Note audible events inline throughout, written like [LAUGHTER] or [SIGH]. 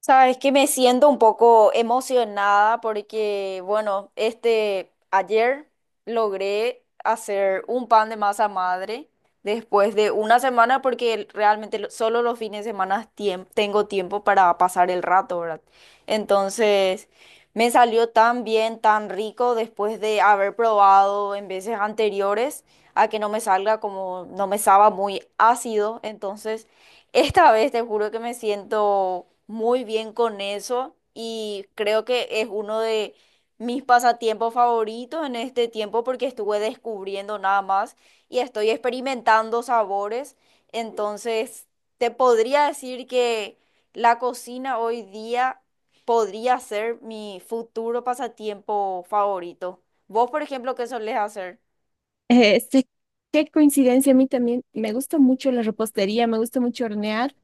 Sabes que me siento un poco emocionada porque, bueno, ayer logré hacer un pan de masa madre después de una semana porque realmente solo los fines de semana tengo tiempo para pasar el rato, ¿verdad? Entonces, me salió tan bien, tan rico después de haber probado en veces anteriores a que no me salga como, no me estaba muy ácido, Esta vez te juro que me siento muy bien con eso y creo que es uno de mis pasatiempos favoritos en este tiempo porque estuve descubriendo nada más y estoy experimentando sabores. Entonces, te podría decir que la cocina hoy día podría ser mi futuro pasatiempo favorito. ¿Vos, por ejemplo, qué solés hacer? Este, Qué coincidencia, a mí también me gusta mucho la repostería, me gusta mucho hornear.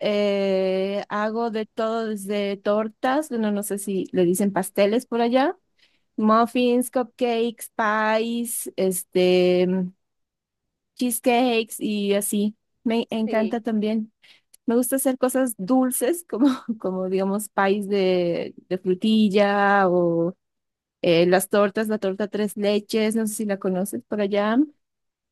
Hago de todo, desde tortas, bueno, no sé si le dicen pasteles por allá, muffins, cupcakes, pies, cheesecakes y así. Me encanta Sí. también. Me gusta hacer cosas dulces, como, [LAUGHS] como digamos, pies de frutilla o las tortas, la torta tres leches, no sé si la conoces por allá.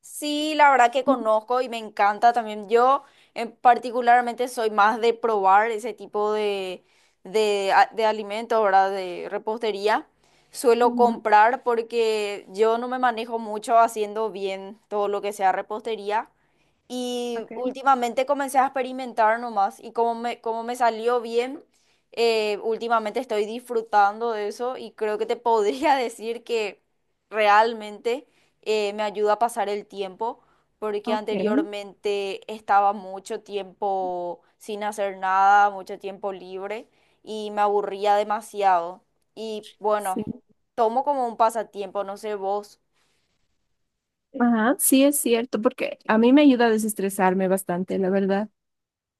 Sí, la verdad que conozco y me encanta también. Yo en particularmente soy más de probar ese tipo de alimentos, ¿verdad? De repostería. Suelo Ujú, comprar porque yo no me manejo mucho haciendo bien todo lo que sea repostería. Y ok. últimamente comencé a experimentar nomás y como me salió bien, últimamente estoy disfrutando de eso y creo que te podría [LAUGHS] decir que realmente me ayuda a pasar el tiempo porque Ok, anteriormente estaba mucho tiempo sin hacer nada, mucho tiempo libre y me aburría demasiado. Y bueno, sí. tomo como un pasatiempo, no sé vos. Ajá, sí es cierto, porque a mí me ayuda a desestresarme bastante, la verdad.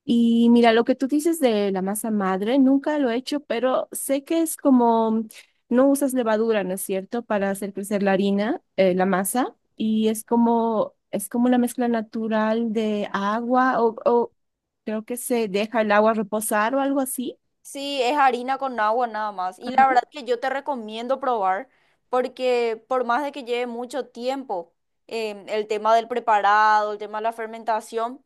Y mira, lo que tú dices de la masa madre, nunca lo he hecho, pero sé que es como, no usas levadura, ¿no es cierto?, para hacer crecer la harina, la masa, y es como una mezcla natural de agua, o creo que se deja el agua reposar o algo así. Sí, es harina con agua nada más. Y la verdad Ajá. que yo te recomiendo probar porque por más de que lleve mucho tiempo el tema del preparado, el tema de la fermentación,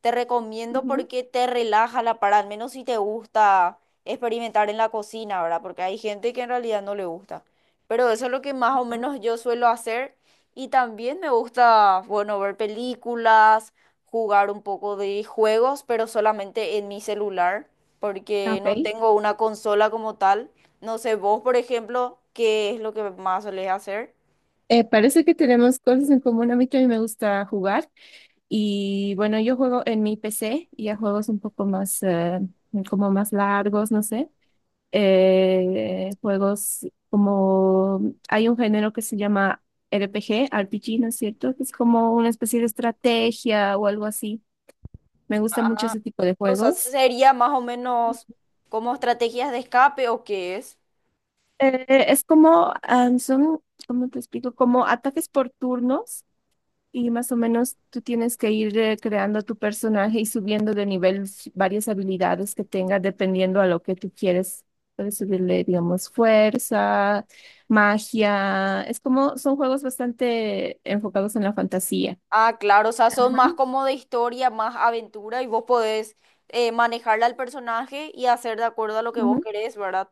te recomiendo Ujú. porque te relaja la para, al menos si te gusta experimentar en la cocina, ¿verdad? Porque hay gente que en realidad no le gusta. Pero eso es lo que más o menos yo suelo hacer. Y también me gusta, bueno, ver películas, jugar un poco de juegos, pero solamente en mi celular porque no Ok. tengo una consola como tal. No sé, vos, por ejemplo, ¿qué es lo que más solés hacer? Parece que tenemos cosas en común. A mí también me gusta jugar. Y bueno, yo juego en mi PC y a juegos un poco más, como más largos, no sé. Juegos como, hay un género que se llama RPG, RPG, ¿no es cierto? Que es como una especie de estrategia o algo así. Me gusta mucho Ah, ese tipo de o sea, juegos. sería más o menos como estrategias de escape o qué es. Es como, ah, son, ¿cómo te explico? Como ataques por turnos. Y más o menos tú tienes que ir creando tu personaje y subiendo de nivel varias habilidades que tengas dependiendo a lo que tú quieres. Puedes subirle, digamos, fuerza, magia. Es como, son juegos bastante enfocados en la fantasía. Ah, claro, o sea, son Ajá. más como de historia, más aventura y vos podés manejarle al personaje y hacer de acuerdo a lo que vos Ujú. querés, ¿verdad?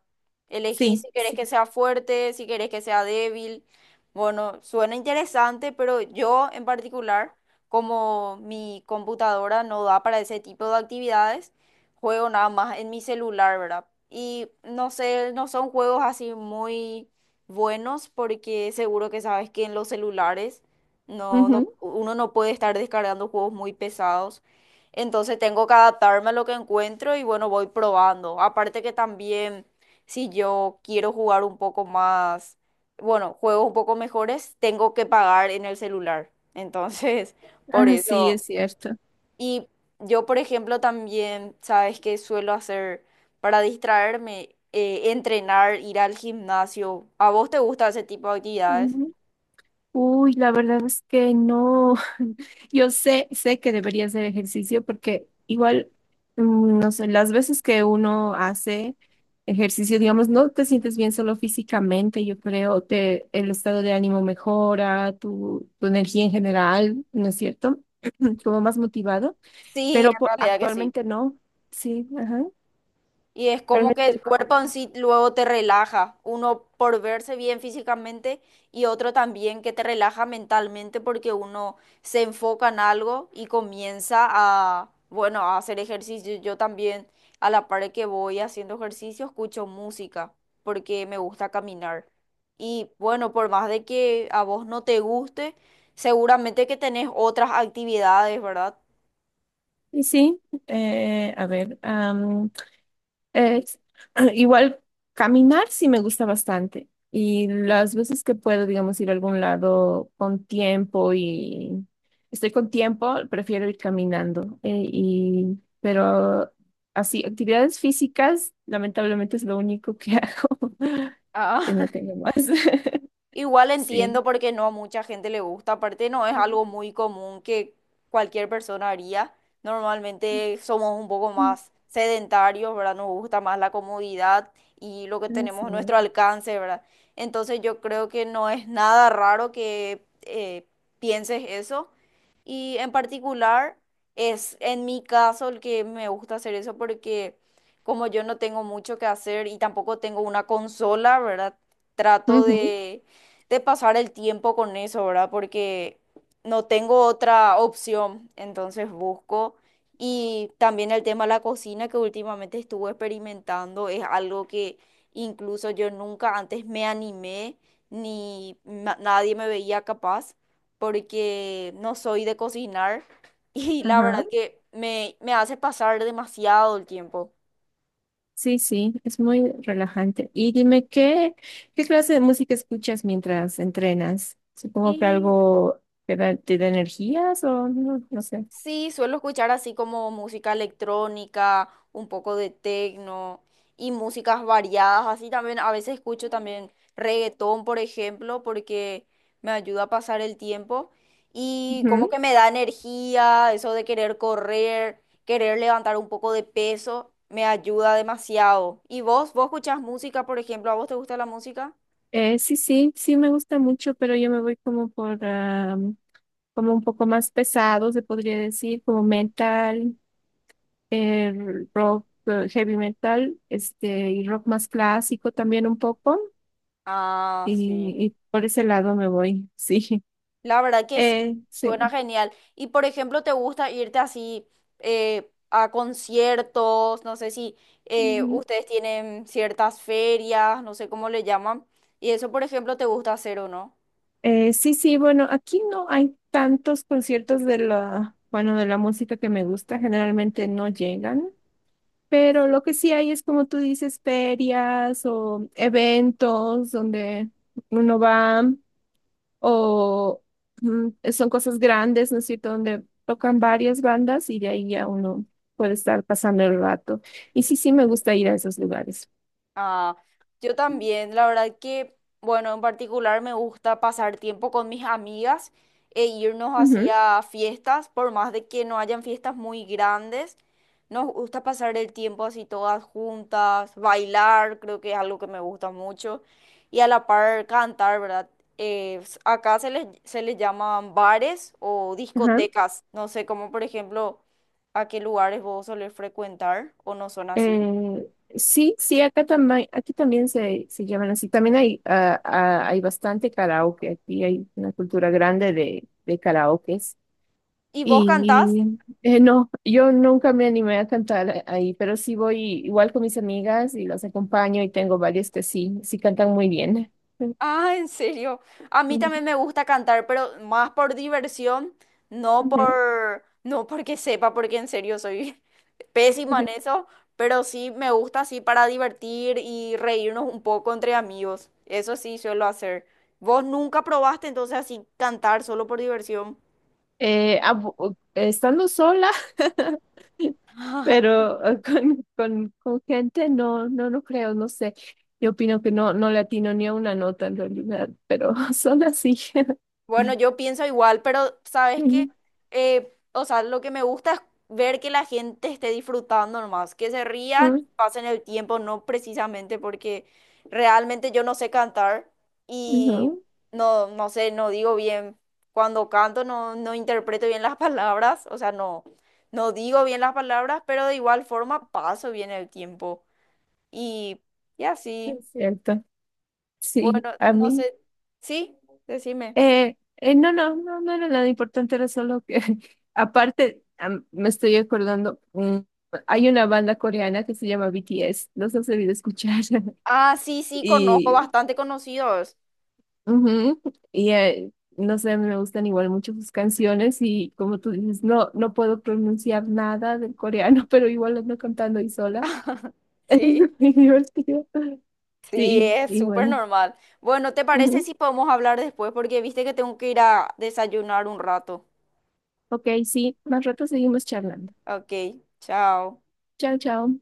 Elegí Sí, si querés sí. que sea fuerte, si querés que sea débil. Bueno, suena interesante, pero yo en particular, como mi computadora no da para ese tipo de actividades, juego nada más en mi celular, ¿verdad? Y no sé, no son juegos así muy buenos porque seguro que sabes que en los celulares no, Ujú. uno no puede estar descargando juegos muy pesados. Entonces tengo que adaptarme a lo que encuentro y bueno, voy probando. Aparte que también si yo quiero jugar un poco más, bueno, juegos un poco mejores, tengo que pagar en el celular. Entonces, [LAUGHS] por Ah, sí, eso. es cierto. Y yo, por ejemplo, también, ¿sabes qué suelo hacer para distraerme? Entrenar, ir al gimnasio. ¿A vos te gusta ese tipo de actividades? Uy, la verdad es que no. [LAUGHS] Yo sé, sé que debería hacer ejercicio porque igual, no sé, las veces que uno hace ejercicio, digamos, no te sientes bien solo físicamente, yo creo, te, el estado de ánimo mejora, tu energía en general, ¿no es cierto? [CLEARS THROAT] Como más motivado, Sí, pero en realidad que sí. actualmente no. Sí, ajá. Y es como que Actualmente el no hago cuerpo en nada. sí luego te relaja, uno por verse bien físicamente y otro también que te relaja mentalmente porque uno se enfoca en algo y comienza a, bueno, a hacer ejercicio. Yo también a la par que voy haciendo ejercicio escucho música porque me gusta caminar. Y bueno, por más de que a vos no te guste, seguramente que tenés otras actividades, ¿verdad? Y sí, a ver. Es, [CLEARS THROAT] igual caminar sí me gusta bastante y las veces que puedo, digamos, ir a algún lado con tiempo y estoy con tiempo, prefiero ir caminando. Pero así, actividades físicas, lamentablemente es lo único que [LAUGHS] hago. Ah. No tengo más. [LAUGHS] Igual entiendo Sí. porque no a mucha gente le gusta, aparte no es algo muy común que cualquier persona haría. Normalmente somos un poco más sedentarios, ¿verdad? Nos gusta más la comodidad y lo que tenemos Así. a nuestro alcance, ¿verdad? Entonces yo creo que no es nada raro que pienses eso. Y en particular es en mi caso el que me gusta hacer eso porque como yo no tengo mucho que hacer y tampoco tengo una consola, ¿verdad? Trato Ujú, de pasar el tiempo con eso, ¿verdad? Porque no tengo otra opción, entonces busco. Y también el tema de la cocina que últimamente estuve experimentando es algo que incluso yo nunca antes me animé, ni na- nadie me veía capaz, porque no soy de cocinar [LAUGHS] y la verdad ajá. que me hace pasar demasiado el tiempo. Sí, sí, es muy relajante. Y dime, ¿qué, qué clase de música escuchas mientras entrenas? Supongo que algo que te da energías o no, no sé. Sí, suelo escuchar así como música electrónica, un poco de techno y músicas variadas. Así también a veces escucho también reggaetón, por ejemplo, porque me ayuda a pasar el tiempo y como Ujú. que me da energía, eso de querer correr, querer levantar un poco de peso, me ayuda demasiado. ¿Y vos? ¿Vos escuchás música, por ejemplo? ¿A vos te gusta la música? Sí, sí, sí me gusta mucho, pero yo me voy como por, ah, como un poco más pesado, se podría decir, como metal, eh, rock, heavy metal, este, y rock más clásico también un poco, Ah, sí. y por ese lado me voy, [LAUGHS] sí. La verdad que sí, suena Sí. genial. Y por ejemplo, ¿te gusta irte así a conciertos? No sé si ustedes tienen ciertas ferias, no sé cómo le llaman. Y eso, por ejemplo, ¿te gusta hacer o no? Sí, sí, bueno, aquí no hay tantos conciertos de la, bueno, de la música que me gusta, generalmente no llegan, pero lo que sí hay es como tú dices, ferias o eventos donde uno va o son cosas grandes, ¿no es cierto?, donde tocan varias bandas y de ahí ya uno puede estar pasando el rato. Y sí, sí, me gusta ir a esos lugares. Ah, yo también, la verdad que, bueno, en particular me gusta pasar tiempo con mis amigas e irnos Ujú, hacia fiestas, por más de que no hayan fiestas muy grandes, nos gusta pasar el tiempo así todas juntas, bailar, creo que es algo que me gusta mucho, y a la par cantar, ¿verdad? Acá se les llaman bares o ajá. discotecas, no sé, como por ejemplo, a qué lugares vos solés frecuentar o no son así. Eh, sí, sí, acá también, aquí también se llaman así. También hay, ah, ah, hay bastante karaoke. Aquí hay una cultura grande de karaokes. ¿Y vos cantás? Y no, yo nunca me animé a cantar ahí, pero sí voy igual con mis amigas y las acompaño y tengo varias que sí, sí cantan muy bien. [LAUGHS] Ah, en serio. A mí Ujú, también me gusta cantar, pero más por diversión, ujú. No porque sepa, porque en serio soy [LAUGHS] pésima en eso, pero sí me gusta así para divertir y reírnos un poco entre amigos. Eso sí suelo hacer. ¿Vos nunca probaste entonces así cantar solo por diversión? Estando sola. [LAUGHS] Pero con gente no, no, no creo, no sé. Yo opino que no, no le atino ni a una nota en realidad, pero [LAUGHS] son así. [LAUGHS] Bueno, yo pienso igual, pero sabes Mm, que, o sea, lo que me gusta es ver que la gente esté disfrutando nomás, que se rían, mm, pasen el tiempo, no precisamente porque realmente yo no sé cantar y no, no, no sé, no digo bien, cuando canto no interpreto bien [LAUGHS] las palabras, o sea, no, no digo bien las palabras, pero de igual forma paso bien el tiempo y, y así. es cierto. Sí, Bueno, a no mí. sé, sí, decime. No, no, no, no era nada importante, era solo que, [LAUGHS] aparte, me estoy acordando, hay una banda coreana que se llama BTS, los has debido escuchar. [LAUGHS] Ah, sí, sí, conozco Y bastante conocidos. ujú. Y no sé, me gustan igual mucho sus canciones y como tú dices, no, no puedo pronunciar nada del coreano, [LAUGHS] pero igual ando cantando ahí sola. [LAUGHS] Es Sí. muy divertido. Sí, Sí, es y súper bueno. normal. Bueno, ¿te parece Ujú. si podemos hablar después? Porque viste que tengo que ir a desayunar un rato. Ok, sí, más rato seguimos charlando. Ok, chao. Chao, chao.